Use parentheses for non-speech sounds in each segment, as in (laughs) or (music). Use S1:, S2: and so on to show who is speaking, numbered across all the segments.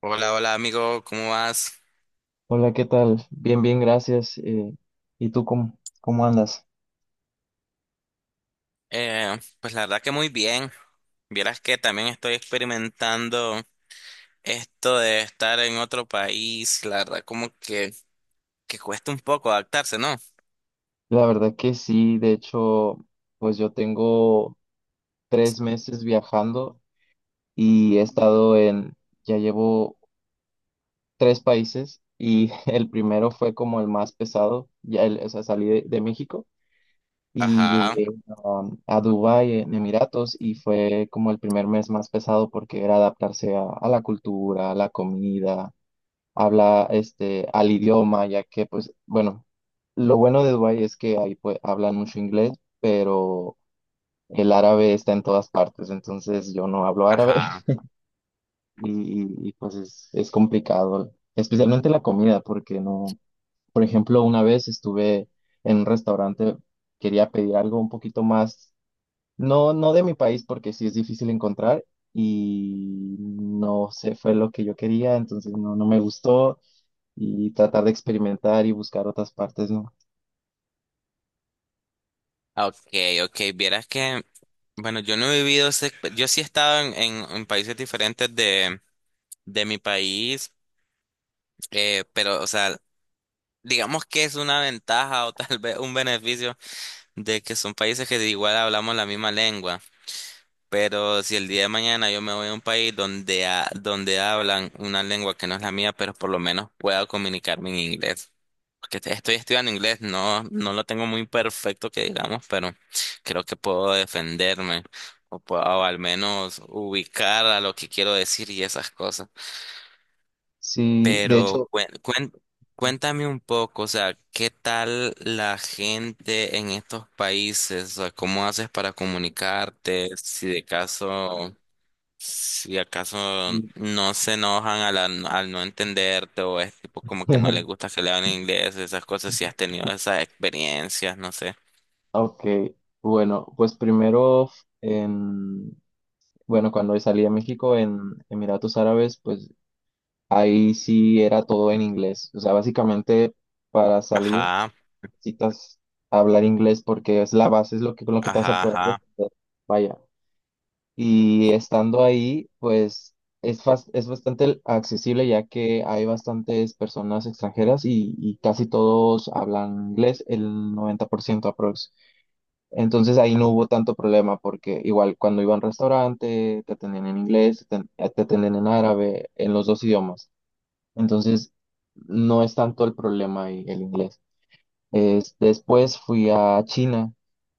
S1: Hola, hola amigo, ¿cómo vas?
S2: Hola, ¿qué tal? Bien, bien, gracias. ¿Y tú cómo andas?
S1: Pues la verdad que muy bien. Vieras que también estoy experimentando esto de estar en otro país. La verdad como que cuesta un poco adaptarse, ¿no?
S2: La verdad que sí, de hecho, pues yo tengo 3 meses viajando y ya llevo tres países y (laughs) el primero fue como el más pesado, ya, o sea, salí de México y
S1: Ajá,
S2: llegué a Dubái en Emiratos, y fue como el primer mes más pesado porque era adaptarse a la cultura, a la comida, habla al idioma, ya que pues bueno, lo bueno de Dubái es que ahí pues hablan mucho inglés, pero el árabe está en todas partes, entonces yo no hablo árabe.
S1: ajá.
S2: (laughs) Y, pues es complicado, especialmente la comida, porque no, por ejemplo, una vez estuve en un restaurante, quería pedir algo un poquito más, no, no de mi país, porque sí es difícil encontrar y no sé, fue lo que yo quería, entonces no, no me gustó, y tratar de experimentar y buscar otras partes, ¿no?
S1: Ah, ok, ok. Vieras que, bueno, yo no he vivido, yo sí he estado en países diferentes de mi país, pero, o sea, digamos que es una ventaja o tal vez un beneficio de que son países que igual hablamos la misma lengua. Pero si el día de mañana yo me voy a un país donde, donde hablan una lengua que no es la mía, pero por lo menos pueda comunicarme en inglés. Porque estoy estudiando inglés, no lo tengo muy perfecto que digamos, pero creo que puedo defenderme o, puedo, o al menos ubicar a lo que quiero decir y esas cosas.
S2: Sí, de
S1: Pero
S2: hecho.
S1: cuéntame un poco, o sea, ¿qué tal la gente en estos países? O sea, ¿cómo haces para comunicarte? Si de caso... Si acaso
S2: (laughs)
S1: no se enojan al no entenderte o es tipo como que no les gusta que le hablen inglés, esas cosas, si has tenido esas experiencias, no sé.
S2: Ok, bueno, pues primero, en, bueno, cuando salí a México en Emiratos Árabes, pues ahí sí era todo en inglés. O sea, básicamente para salir
S1: Ajá,
S2: necesitas hablar inglés, porque es la base, con lo que te vas a
S1: ajá,
S2: poder
S1: ajá.
S2: defender. Vaya. Y estando ahí, pues es bastante accesible, ya que hay bastantes personas extranjeras y casi todos hablan inglés, el 90% aprox. Entonces ahí no hubo tanto problema, porque igual cuando iba a un restaurante te atendían en inglés, te atendían en árabe, en los dos idiomas. Entonces no es tanto el problema ahí el inglés. Después fui a China.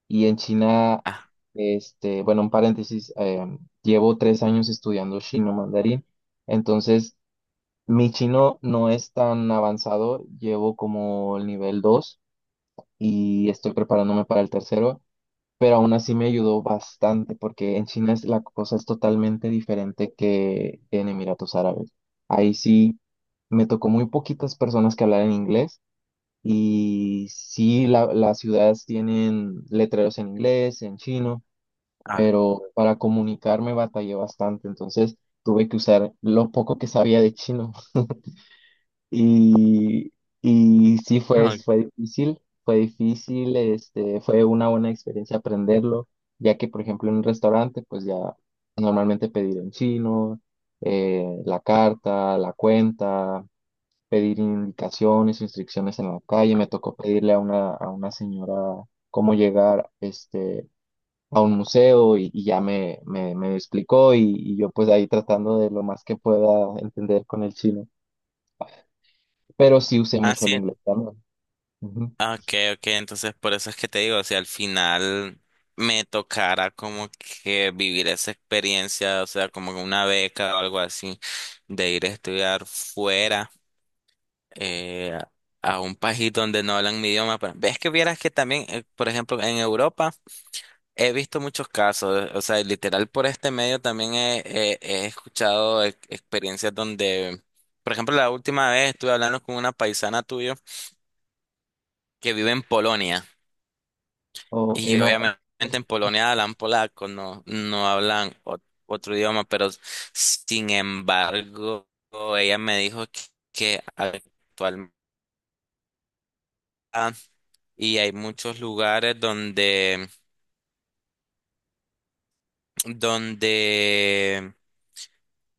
S2: Y en China,
S1: Ah,
S2: este, bueno, un paréntesis, llevo 3 años estudiando chino mandarín. Entonces mi chino no es tan avanzado, llevo como el nivel 2 y estoy preparándome para el tercero, pero aún así me ayudó bastante porque en China la cosa es totalmente diferente que en Emiratos Árabes. Ahí sí me tocó muy poquitas personas que hablaran inglés, y sí las ciudades tienen letreros en inglés, en chino,
S1: ah,
S2: pero para comunicarme batallé bastante, entonces tuve que usar lo poco que sabía de chino. Y, y sí fue,
S1: ah,
S2: fue difícil, fue difícil, este, fue una buena experiencia aprenderlo, ya que por ejemplo en un restaurante pues ya normalmente pedir en chino, la carta, la cuenta, pedir indicaciones, instrucciones en la calle. Me tocó pedirle a una señora cómo llegar, a un museo, y ya me explicó, y yo pues ahí tratando de lo más que pueda entender con el chino, pero sí usé
S1: ah,
S2: mucho el
S1: sí.
S2: inglés también. Ujú.
S1: Ah, ok, ok, entonces por eso es que te digo, si al final me tocara como que vivir esa experiencia, o sea, como una beca o algo así, de ir a estudiar fuera. Eh, a un país donde no hablan mi idioma. Pero ves que vieras que también, por ejemplo, en Europa he visto muchos casos, o sea, literal por este medio también he escuchado experiencias donde, por ejemplo, la última vez estuve hablando con una paisana tuya que vive en Polonia
S2: O hay
S1: y
S2: una
S1: obviamente en Polonia hablan polaco, no hablan otro idioma, pero sin embargo, ella me dijo que actualmente y hay muchos lugares donde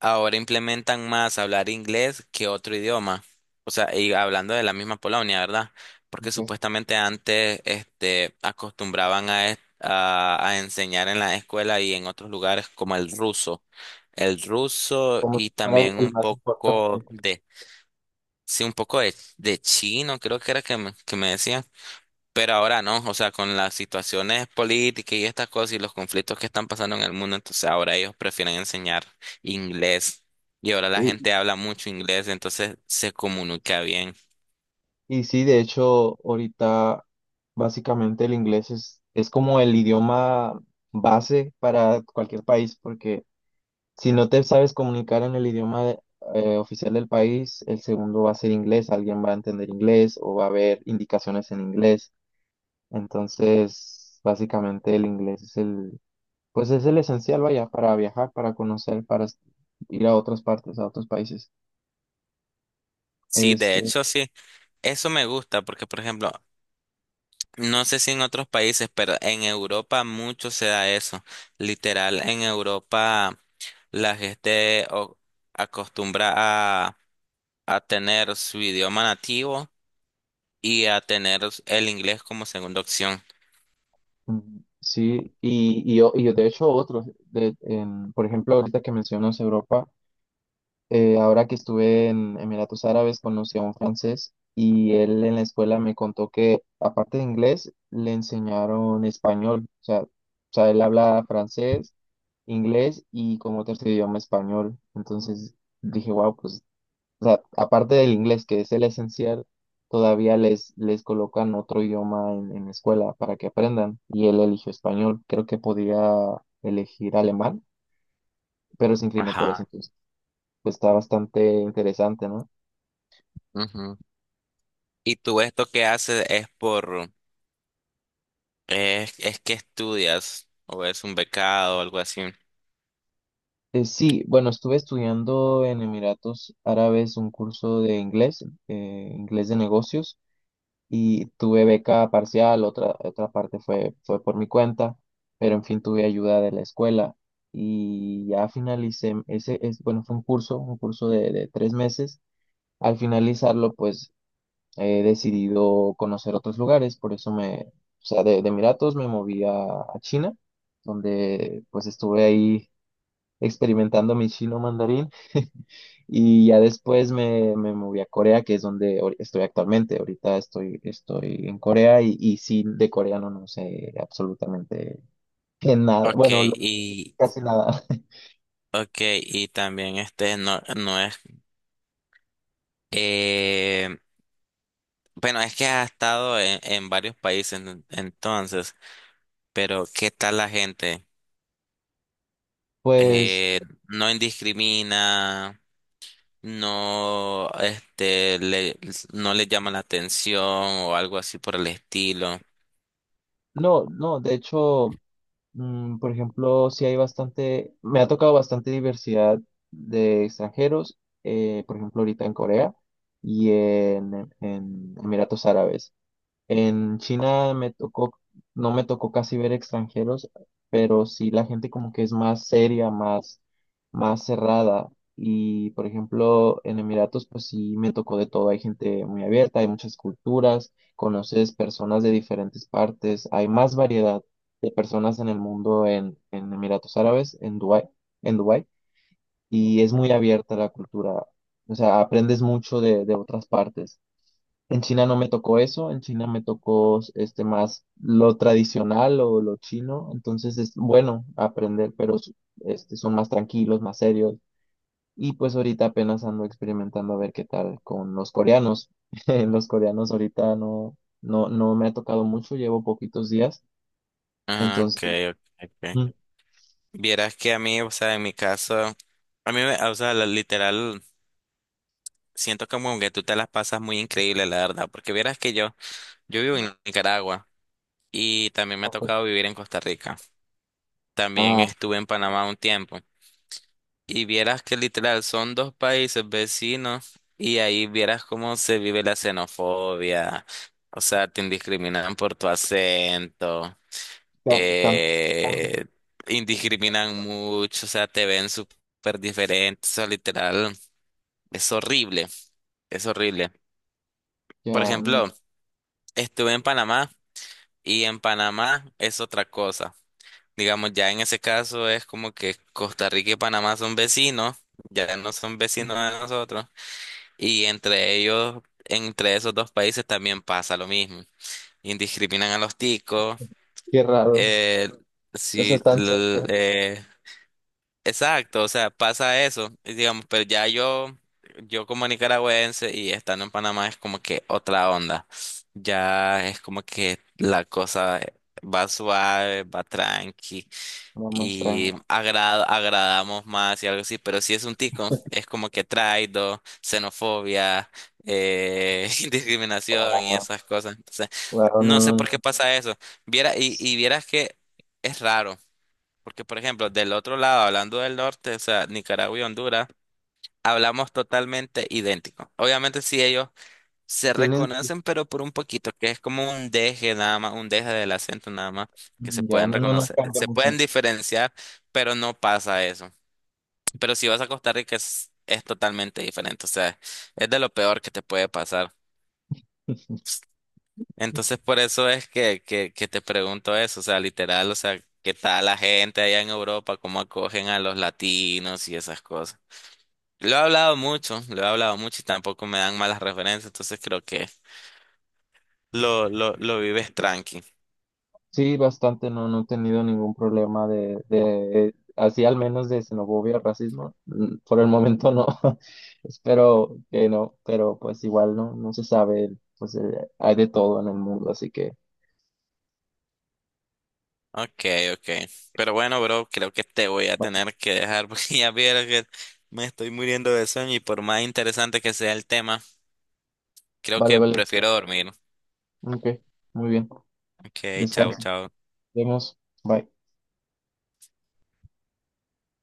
S1: ahora implementan más hablar inglés que otro idioma. O sea, y hablando de la misma Polonia, ¿verdad? Porque
S2: que es
S1: supuestamente antes, este, acostumbraban a enseñar en la escuela y en otros lugares como el ruso. El ruso
S2: como si
S1: y
S2: fuera el,
S1: también
S2: el
S1: un
S2: más importante.
S1: poco de, sí, un poco de chino, creo que era que me decían. Pero ahora no, o sea, con las situaciones políticas y estas cosas y los conflictos que están pasando en el mundo, entonces ahora ellos prefieren enseñar inglés y ahora la
S2: Y,
S1: gente habla mucho inglés, entonces se comunica bien.
S2: y sí, de hecho, ahorita básicamente el inglés es como el idioma base para cualquier país, porque si no te sabes comunicar en el idioma oficial del país, el segundo va a ser inglés, alguien va a entender inglés, o va a haber indicaciones en inglés. Entonces, básicamente el inglés pues es el esencial, vaya, para viajar, para conocer, para ir a otras partes, a otros países.
S1: Sí, de
S2: Este,
S1: hecho, sí, eso me gusta porque, por ejemplo, no sé si en otros países, pero en Europa mucho se da eso. Literal, en Europa la gente acostumbra a tener su idioma nativo y a tener el inglés como segunda opción.
S2: sí, y yo, de hecho por ejemplo, ahorita que mencionas Europa, ahora que estuve en Emiratos Árabes, conocí a un francés y él en la escuela me contó que aparte de inglés le enseñaron español. O sea, él habla francés, inglés, y como tercer idioma, español. Entonces dije, wow, pues o sea, aparte del inglés, que es el esencial, todavía les colocan otro idioma en la escuela para que aprendan. Y él eligió español. Creo que podía elegir alemán, pero se inclinó por eso.
S1: Ajá.
S2: Entonces, pues está bastante interesante, ¿no?
S1: Ujú. ¿Y tú esto que haces es por, es que estudias o es un becado o algo así?
S2: Sí, bueno, estuve estudiando en Emiratos Árabes un curso de inglés, inglés de negocios. Y tuve beca parcial, otra parte fue, por mi cuenta, pero en fin tuve ayuda de la escuela y ya finalicé. Bueno, fue un curso de 3 meses. Al finalizarlo, pues he decidido conocer otros lugares. Por eso o sea, de Emiratos me moví a China, donde pues estuve ahí experimentando mi chino mandarín. Y ya después me moví a Corea, que es donde estoy actualmente. Ahorita estoy en Corea. Y sí, de coreano no sé absolutamente que nada.
S1: Ok,
S2: Bueno,
S1: y,
S2: casi nada. (laughs)
S1: okay, y también este no es, eh, bueno, es que has estado en varios países entonces, pero ¿qué tal la gente?
S2: Pues
S1: Eh, no indiscrimina, no, este, le, no le llama la atención o algo así por el estilo.
S2: no, no, de hecho, por ejemplo, sí hay bastante. Me ha tocado bastante diversidad de extranjeros, por ejemplo, ahorita en Corea y en Emiratos Árabes. En China no me tocó casi ver extranjeros, pero sí la gente como que es más seria, más cerrada. Y por ejemplo, en Emiratos, pues sí me tocó de todo. Hay gente muy abierta, hay muchas culturas, conoces personas de diferentes partes, hay más variedad de personas en el mundo en Emiratos Árabes, en Dubái, y es muy abierta la cultura. O sea, aprendes mucho de otras partes. En China no me tocó eso, en China me tocó más lo tradicional o lo chino, entonces es bueno aprender, pero son más tranquilos, más serios. Y pues ahorita apenas ando experimentando a ver qué tal con los coreanos. (laughs) Los coreanos ahorita no me ha tocado mucho, llevo poquitos días.
S1: Ah,
S2: Entonces,
S1: okay, okay, ok.
S2: mm,
S1: Vieras que a mí, o sea, en mi caso, a mí, o sea, literal, siento como que tú te las pasas muy increíble, la verdad, porque vieras que yo vivo en Nicaragua y también me ha
S2: ojo.
S1: tocado vivir en Costa Rica. También
S2: Ah,
S1: estuve en Panamá un tiempo y vieras que literal son dos países vecinos y ahí vieras cómo se vive la xenofobia, o sea, te discriminan por tu acento.
S2: ya,
S1: Eh, indiscriminan mucho, o sea, te ven súper diferente, o sea, literal, es horrible, es horrible. Por
S2: ya, mm,
S1: ejemplo, estuve en Panamá y en Panamá es otra cosa. Digamos, ya en ese caso es como que Costa Rica y Panamá son vecinos, ya no son vecinos de nosotros, y entre ellos, entre esos dos países también pasa lo mismo. Indiscriminan a los ticos,
S2: qué raro,
S1: eh,
S2: o sea,
S1: sí,
S2: están cerca,
S1: exacto, o sea, pasa eso, y digamos, pero ya yo como nicaragüense y estando en Panamá es como que otra onda, ya es como que la cosa va suave, va tranqui
S2: no, más
S1: y
S2: tranquilo.
S1: agradamos más y algo así, pero si es un tico, es como que traido, xenofobia, (laughs) discriminación y esas cosas, entonces
S2: Wow, no,
S1: no sé
S2: no,
S1: por qué
S2: no.
S1: pasa eso, viera, y vieras que es raro. Porque, por ejemplo, del otro lado, hablando del norte, o sea, Nicaragua y Honduras, hablamos totalmente idéntico. Obviamente, sí, ellos se
S2: Tienen.
S1: reconocen, pero por un poquito, que es como un deje nada más, un deje del acento nada más, que se
S2: Mm, ya,
S1: pueden
S2: no, no, no
S1: reconocer,
S2: cambia
S1: se pueden
S2: mucho.
S1: diferenciar, pero no pasa eso. Pero si vas a Costa Rica, es totalmente diferente, o sea, es de lo peor que te puede pasar. Entonces,
S2: (laughs)
S1: por eso es que te pregunto eso, o sea, literal, o sea, ¿qué tal la gente allá en Europa? ¿Cómo acogen a los latinos y esas cosas? Lo he hablado mucho, lo he hablado mucho y tampoco me dan malas referencias, entonces creo que lo vives tranqui.
S2: Sí, bastante. No, no he tenido ningún problema de, así al menos, de xenofobia, racismo, por el momento no. (laughs) Espero que no, pero pues igual no, no se sabe. Pues hay de todo en el mundo. Así que
S1: Ok, ok. Pero bueno, bro, creo que te voy a
S2: va-
S1: tener que dejar porque (laughs) ya vieron que me estoy muriendo de sueño y por más interesante que sea el tema, creo
S2: vale,
S1: que
S2: vale,
S1: prefiero dormir.
S2: ok, muy bien.
S1: Ok, chao,
S2: Descansa, nos
S1: chao.
S2: vemos, bye.